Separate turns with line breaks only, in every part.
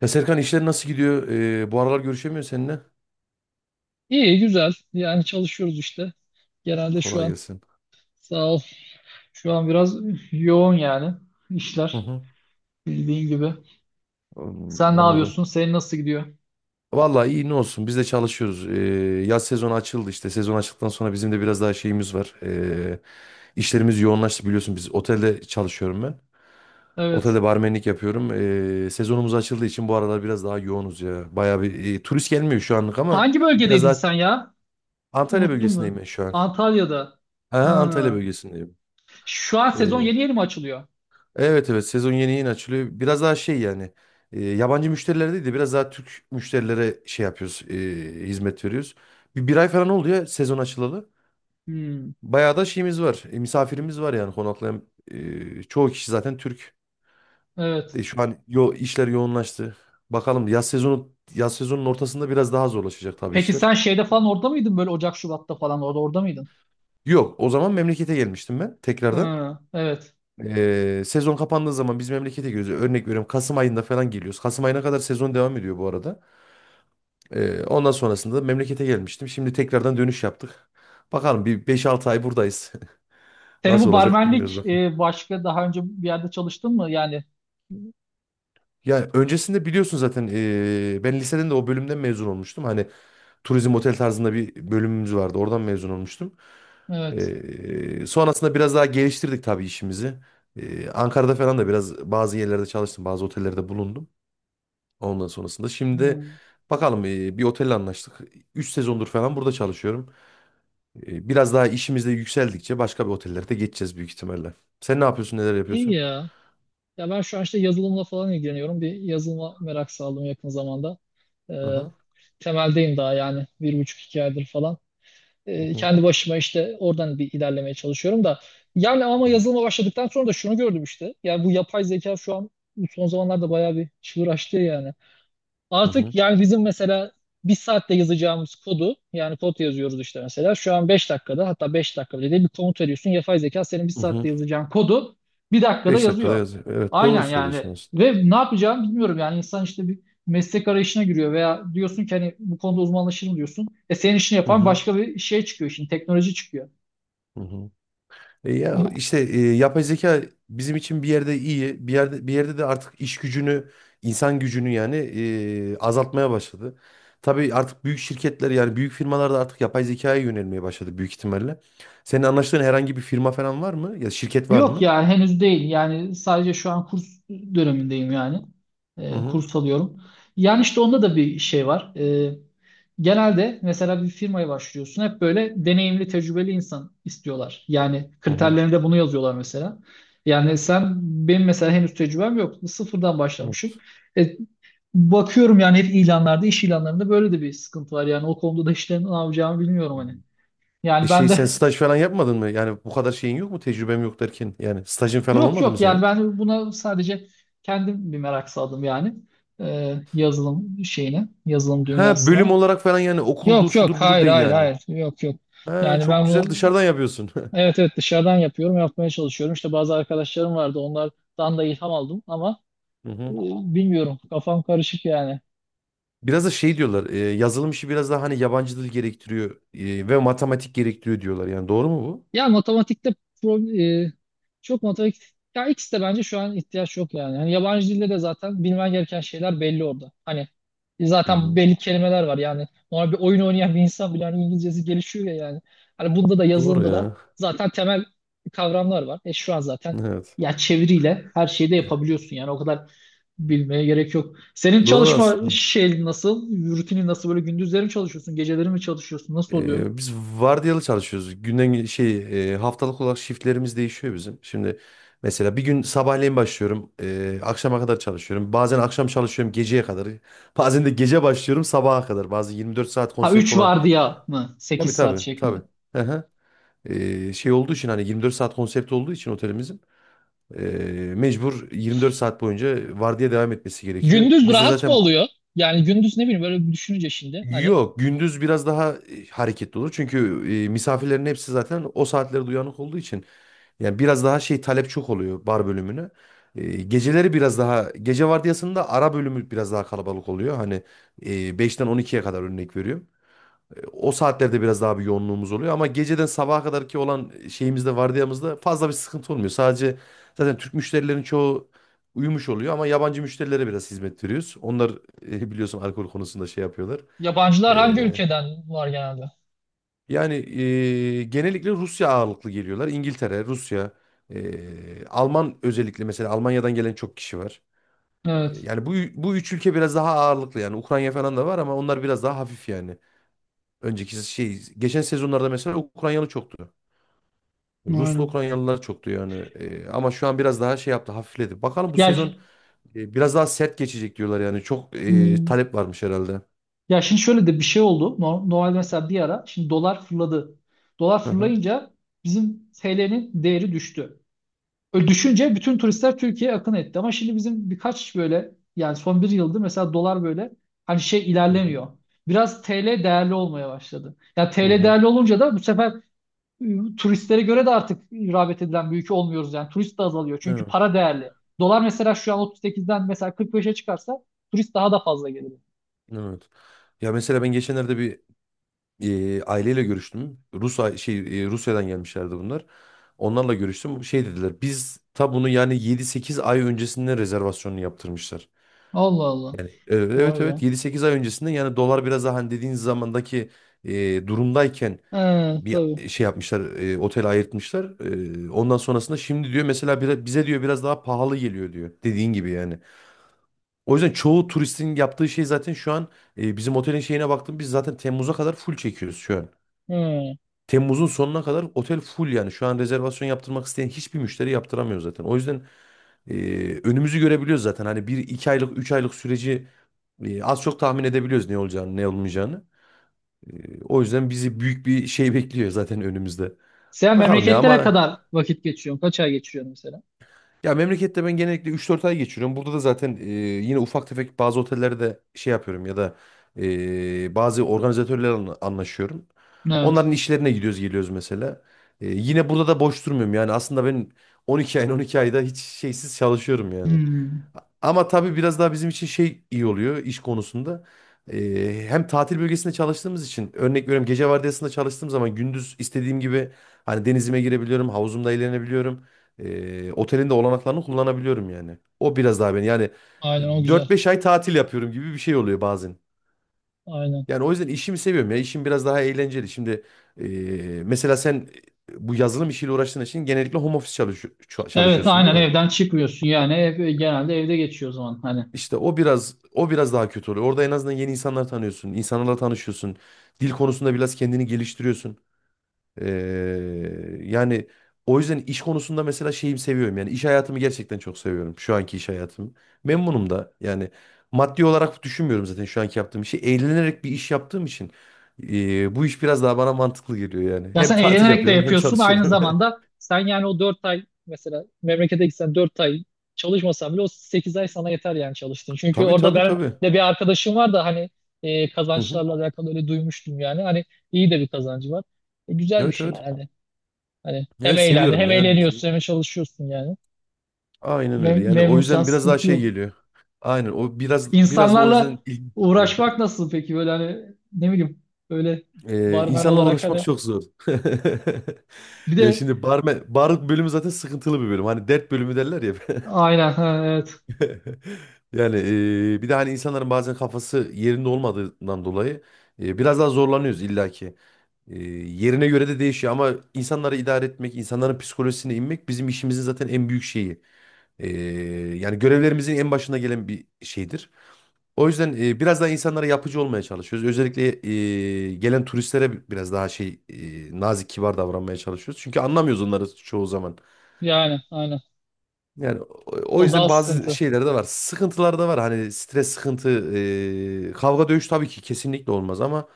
Ya Serkan, işler nasıl gidiyor? Bu aralar görüşemiyor seninle.
İyi, güzel. Yani çalışıyoruz işte. Genelde şu
Kolay
an
gelsin.
sağ ol. Şu an biraz yoğun yani
Hı
işler
hı.
bildiğin gibi.
Hmm,
Sen ne
anladım.
yapıyorsun? Senin nasıl gidiyor?
Vallahi iyi, ne olsun, biz de çalışıyoruz. Yaz sezonu açıldı işte. Sezon açıldıktan sonra bizim de biraz daha şeyimiz var. İşlerimiz yoğunlaştı, biliyorsun biz otelde çalışıyorum ben.
Evet.
Otelde barmenlik yapıyorum. Sezonumuz açıldığı için bu aralar biraz daha yoğunuz ya. Bayağı bir turist gelmiyor şu anlık ama
Hangi
biraz
bölgedeydin sen
daha
ya?
Antalya
Unuttun
bölgesindeyim
mu?
ben şu an.
Antalya'da.
Aha, Antalya
Ha.
bölgesindeyim.
Şu an sezon
Ee,
yeni yeni mi açılıyor?
Evet evet, sezon yeni yeni açılıyor. Biraz daha şey yani, yabancı müşterilere değil de biraz daha Türk müşterilere şey yapıyoruz, hizmet veriyoruz. Bir ay falan oldu ya sezon açılalı.
Hmm.
Bayağı da şeyimiz var, misafirimiz var yani, konaklayan çoğu kişi zaten Türk.
Evet.
Şu an yo, işler yoğunlaştı. Bakalım, yaz sezonun ortasında biraz daha zorlaşacak tabii
Peki
işler.
sen şeyde falan orada mıydın? Böyle Ocak, Şubat'ta falan orada mıydın?
Yok, o zaman memlekete gelmiştim ben tekrardan.
Ha. Evet.
Sezon kapandığı zaman biz memlekete geliyoruz. Örnek veriyorum, Kasım ayında falan geliyoruz. Kasım ayına kadar sezon devam ediyor bu arada. Ondan sonrasında da memlekete gelmiştim. Şimdi tekrardan dönüş yaptık. Bakalım, bir beş altı ay buradayız.
Senin
Nasıl
bu
olacak bilmiyoruz
barmenlik
bakın.
başka daha önce bir yerde çalıştın mı? Yani
Ya, öncesinde biliyorsun zaten, ben liseden de o bölümden mezun olmuştum. Hani turizm otel tarzında bir bölümümüz vardı. Oradan mezun olmuştum.
evet.
Sonrasında biraz daha geliştirdik tabii işimizi. Ankara'da falan da biraz bazı yerlerde çalıştım. Bazı otellerde bulundum. Ondan sonrasında şimdi de
Hmm.
bakalım, bir otelle anlaştık. 3 sezondur falan burada çalışıyorum. Biraz daha işimizde yükseldikçe başka bir otellerde geçeceğiz büyük ihtimalle. Sen ne yapıyorsun, neler
İyi
yapıyorsun?
ya. Ya ben şu an işte yazılımla falan ilgileniyorum. Bir yazılıma merak saldım yakın zamanda. Ee,
Aha.
Temeldeyim daha yani bir buçuk iki aydır falan.
Hı hı,
Kendi başıma işte oradan bir ilerlemeye çalışıyorum da. Yani ama
hı hı,
yazılıma başladıktan sonra da şunu gördüm işte. Yani bu yapay zeka şu an bu son zamanlarda bayağı bir çığır açtı yani.
hı
Artık
hı.
yani bizim mesela bir saatte yazacağımız kodu yani kod yazıyoruz işte mesela şu an 5 dakikada hatta 5 dakika bile değil bir komut veriyorsun, yapay zeka senin bir saatte yazacağın kodu bir dakikada
5 dakikada
yazıyor.
yazıyor. Evet, doğru
Aynen yani,
söylüyorsun aslında.
ve ne yapacağını bilmiyorum yani. İnsan işte bir meslek arayışına giriyor veya diyorsun ki hani bu konuda uzmanlaşırım diyorsun. E senin işini
Hı
yapan
hı,
başka bir şey çıkıyor şimdi, teknoloji çıkıyor.
hı hı. Ya işte, yapay zeka bizim için bir yerde iyi, bir yerde de artık iş gücünü, insan gücünü yani azaltmaya başladı. Tabii artık büyük şirketler yani büyük firmalar da artık yapay zekaya yönelmeye başladı büyük ihtimalle. Senin anlaştığın herhangi bir firma falan var mı? Ya, şirket var
Yok
mı?
ya, henüz değil. Yani sadece şu an kurs dönemindeyim yani.
Hı hı.
Kurs alıyorum. Yani işte onda da bir şey var. Genelde mesela bir firmaya başlıyorsun. Hep böyle deneyimli, tecrübeli insan istiyorlar. Yani
Hı hı.
kriterlerinde bunu yazıyorlar mesela. Yani sen, benim mesela henüz tecrübem yok. Sıfırdan başlamışım. E, Bakıyorum yani hep ilanlarda, iş ilanlarında böyle de bir sıkıntı var. Yani o konuda da işte ne yapacağımı bilmiyorum
Hı.
hani.
E
Yani ben
şey sen
de
staj falan yapmadın mı? Yani bu kadar şeyin yok mu? Tecrübem yok derken. Yani stajın falan
Yok
olmadı mı
yok, yani
senin?
ben buna sadece kendim bir merak saldım yani. Yazılım şeyine, yazılım
Ha, bölüm
dünyasına.
olarak falan yani, okuldur
Yok yok,
şudur budur
hayır
değil
hayır
yani.
hayır, yok yok.
Ha,
Yani
çok
ben
güzel,
bunu,
dışarıdan yapıyorsun.
evet evet, dışarıdan yapıyorum, yapmaya çalışıyorum. İşte bazı arkadaşlarım vardı, onlardan da ilham aldım ama
Hı
e,
hı.
bilmiyorum, kafam karışık yani.
Biraz da şey diyorlar. Yazılım işi biraz daha hani yabancı dil gerektiriyor, ve matematik gerektiriyor diyorlar. Yani doğru mu bu?
Ya matematikte pro- e, çok matematik, ya ikisi de bence şu an ihtiyaç yok yani. Yani yabancı dilde de zaten bilmen gereken şeyler belli orada. Hani
Hı
zaten
hı.
belli kelimeler var yani. Normal bir oyun oynayan bir insan bile hani İngilizcesi gelişiyor ya yani. Hani bunda da,
Doğru
yazılımda da
ya.
zaten temel kavramlar var. E şu an zaten
Evet.
ya çeviriyle her şeyi de
E,
yapabiliyorsun yani, o kadar bilmeye gerek yok. Senin
Doğru
çalışma
aslında.
şey nasıl? Rutinin nasıl, böyle gündüzleri mi çalışıyorsun, geceleri mi çalışıyorsun? Nasıl oluyor?
Biz vardiyalı çalışıyoruz. Şey, haftalık olarak shiftlerimiz değişiyor bizim. Şimdi mesela bir gün sabahleyin başlıyorum, akşama kadar çalışıyorum. Bazen akşam çalışıyorum geceye kadar. Bazen de gece başlıyorum sabaha kadar. Bazı 24 saat
Ha,
konsept
3
olan.
vardiya mı?
Tabii
8 saat
tabii
şeklinde.
tabii. Aha. Şey olduğu için, hani 24 saat konsept olduğu için otelimizin, e, mecbur 24 saat boyunca vardiya devam etmesi gerekiyor.
Gündüz
Biz de
rahat mı
zaten.
oluyor? Yani gündüz ne bileyim, böyle bir düşününce şimdi hani
Yok, gündüz biraz daha hareketli olur. Çünkü misafirlerin hepsi zaten o saatlerde uyanık olduğu için yani biraz daha şey talep çok oluyor bar bölümüne. Geceleri biraz daha, gece vardiyasında, ara bölümü biraz daha kalabalık oluyor. Hani e, 5'ten 12'ye kadar, örnek veriyorum. O saatlerde biraz daha bir yoğunluğumuz oluyor ama geceden sabaha kadar ki olan şeyimizde, vardiyamızda fazla bir sıkıntı olmuyor. Sadece zaten Türk müşterilerin çoğu uyumuş oluyor ama yabancı müşterilere biraz hizmet veriyoruz. Onlar biliyorsun alkol konusunda şey yapıyorlar.
yabancılar hangi
E,
ülkeden var genelde?
yani genellikle Rusya ağırlıklı geliyorlar. İngiltere, Rusya, Alman, özellikle mesela Almanya'dan gelen çok kişi var. E,
Evet.
Yani bu üç ülke biraz daha ağırlıklı yani. Ukrayna falan da var ama onlar biraz daha hafif yani. Önceki şey, geçen sezonlarda mesela Ukraynalı çoktu. Ruslu
Aynen.
Ukraynalılar çoktu yani. Ama şu an biraz daha şey yaptı, hafifledi. Bakalım bu
Ya,
sezon biraz daha sert geçecek diyorlar yani. Çok
hmm,
talep varmış herhalde.
ya şimdi şöyle de bir şey oldu. Normal mesela bir ara şimdi dolar fırladı. Dolar
Hı hı.
fırlayınca bizim TL'nin değeri düştü. Öyle düşünce bütün turistler Türkiye'ye akın etti. Ama şimdi bizim birkaç böyle yani son bir yıldır mesela dolar böyle hani şey
Hı hı.
ilerlemiyor. Biraz TL değerli olmaya başladı. Ya
Hı
TL
hı.
değerli olunca da bu sefer turistlere göre de artık rağbet edilen bir ülke olmuyoruz yani. Turist de azalıyor çünkü
Evet.
para değerli. Dolar mesela şu an 38'den mesela 45'e çıkarsa turist daha da fazla gelir.
Evet. Ya mesela ben geçenlerde bir aileyle görüştüm. Şey, Rusya'dan gelmişlerdi bunlar. Onlarla görüştüm. Şey dediler. Biz ta bunu yani yedi sekiz ay öncesinden rezervasyonunu yaptırmışlar.
Allah Allah. Vay
Evet evet,
be.
yedi sekiz ay öncesinde yani, dolar biraz daha hani dediğiniz zamandaki durumdayken
He,
bir
tabii.
şey yapmışlar, otel ayırtmışlar. Ondan sonrasında şimdi diyor mesela bize diyor biraz daha pahalı geliyor diyor, dediğin gibi yani. O yüzden çoğu turistin yaptığı şey zaten, şu an bizim otelin şeyine baktım, biz zaten Temmuz'a kadar full çekiyoruz şu an.
He.
Temmuz'un sonuna kadar otel full yani. Şu an rezervasyon yaptırmak isteyen hiçbir müşteri yaptıramıyor zaten. O yüzden e, önümüzü görebiliyoruz zaten. Hani bir iki aylık, üç aylık süreci az çok tahmin edebiliyoruz, ne olacağını, ne olmayacağını. O yüzden bizi büyük bir şey bekliyor zaten önümüzde.
Sen
Bakalım ya,
memleketlere
ama.
kadar vakit geçiriyorsun. Kaç ay geçiriyorsun mesela?
Ya memlekette ben genellikle üç dört ay geçiriyorum. Burada da zaten yine ufak tefek bazı otellerde şey yapıyorum, ya da bazı organizatörlerle anlaşıyorum.
Evet.
Onların işlerine gidiyoruz geliyoruz mesela. Yine burada da boş durmuyorum yani aslında ben, 12 ayın 12 ayda hiç şeysiz çalışıyorum yani.
Hmm.
Ama tabii biraz daha bizim için şey iyi oluyor iş konusunda. Hem tatil bölgesinde çalıştığımız için, örnek veriyorum, gece vardiyasında çalıştığım zaman gündüz istediğim gibi hani denizime girebiliyorum, havuzumda eğlenebiliyorum. Otelin de olanaklarını kullanabiliyorum yani. O biraz daha beni yani,
Aynen, o güzel.
dört beş ay tatil yapıyorum gibi bir şey oluyor bazen.
Aynen.
Yani o yüzden işimi seviyorum ya. İşim biraz daha eğlenceli. Şimdi, mesela sen bu yazılım işiyle uğraştığın için genellikle home office
Evet,
çalışıyorsun değil
aynen,
mi?
evden çıkmıyorsun yani ev, genelde evde geçiyor o zaman hani.
İşte o biraz daha kötü oluyor. Orada en azından yeni insanlar tanıyorsun, insanlarla tanışıyorsun. Dil konusunda biraz kendini geliştiriyorsun. Ee, yani o yüzden iş konusunda mesela şeyimi seviyorum. Yani iş hayatımı gerçekten çok seviyorum. Şu anki iş hayatımı. Memnunum da. Yani maddi olarak düşünmüyorum zaten şu anki yaptığım işi. Eğlenerek bir iş yaptığım için, bu iş biraz daha bana mantıklı geliyor yani.
Ya
Hem
sen
tatil
eğlenerek de
yapıyorum, hem
yapıyorsun aynı
çalışıyorum.
zamanda sen yani. O 4 ay mesela memlekete gitsen, 4 ay çalışmasan bile o 8 ay sana yeter yani, çalıştın. Çünkü
Tabii
orada,
tabii
ben
tabii.
de bir arkadaşım var da hani
Hı hı.
kazançlarla alakalı öyle duymuştum yani, hani iyi de bir kazancı var. Güzel bir
Evet
şey
evet.
yani. Hani hem
Evet,
eğlendi,
seviyorum
hem
ya, en azından.
eğleniyorsun hem çalışıyorsun yani.
Aynen öyle.
Mem
Yani o
memnunsan
yüzden biraz daha
sıkıntı
şey
yok.
geliyor. Aynen, o biraz da o yüzden
İnsanlarla
ilginç çekiyor.
uğraşmak nasıl peki, böyle hani ne bileyim öyle, barmen
İnsanla
olarak
uğraşmak
hani
çok zor.
bir
Ya,
de
şimdi bar bölümü zaten sıkıntılı bir bölüm. Hani dert bölümü derler ya.
aynen ha, evet
Yani bir de hani insanların bazen kafası yerinde olmadığından dolayı, biraz daha zorlanıyoruz illaki. Yerine göre de değişiyor ama insanları idare etmek, insanların psikolojisine inmek, bizim işimizin zaten en büyük şeyi. E, yani görevlerimizin en başına gelen bir şeydir. O yüzden biraz daha insanlara yapıcı olmaya çalışıyoruz. Özellikle gelen turistlere biraz daha şey, nazik, kibar davranmaya çalışıyoruz. Çünkü anlamıyoruz onları çoğu zaman.
yani aynen,
Yani o
o
yüzden
daha
bazı
sıkıntı.
şeyler de var. Sıkıntılar da var. Hani stres, sıkıntı, kavga, dövüş tabii ki kesinlikle olmaz ama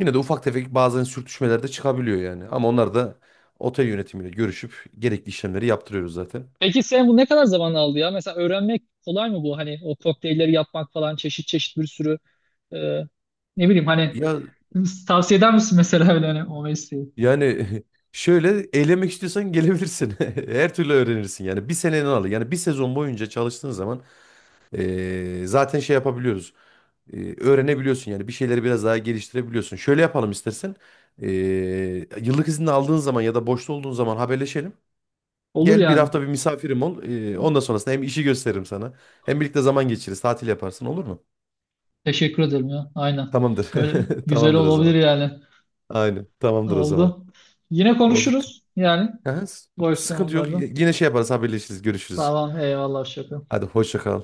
yine de ufak tefek bazen sürtüşmeler de çıkabiliyor yani. Ama onlar da, otel yönetimiyle görüşüp, gerekli işlemleri yaptırıyoruz zaten.
Peki sen bu ne kadar zaman aldı ya? Mesela öğrenmek kolay mı bu? Hani o kokteylleri yapmak falan, çeşit çeşit bir sürü, e, ne bileyim hani,
Ya
tavsiye eder misin mesela öyle, hani o mesleği?
yani, şöyle eğlenmek istiyorsan gelebilirsin. Her türlü öğrenirsin yani. Bir seneni alır. Yani bir sezon boyunca çalıştığın zaman, zaten şey yapabiliyoruz. Öğrenebiliyorsun yani, bir şeyleri biraz daha geliştirebiliyorsun. Şöyle yapalım istersen. Yıllık izin aldığın zaman ya da boşta olduğun zaman haberleşelim.
Olur
Gel bir
yani.
hafta bir misafirim ol. Ondan sonrasında hem işi gösteririm sana. Hem birlikte zaman geçiririz. Tatil yaparsın, olur mu?
Teşekkür ederim ya. Aynen.
Tamamdır.
Öyle güzel
Tamamdır o
olabilir
zaman.
yani.
Aynen. Tamamdır o zaman.
Oldu. Yine
Oldu.
konuşuruz yani
Aha,
boş
sıkıntı yok.
zamanlarda.
Yine şey yaparız, haberleşiriz. Görüşürüz.
Tamam, eyvallah şaka.
Hadi, hoşça kal.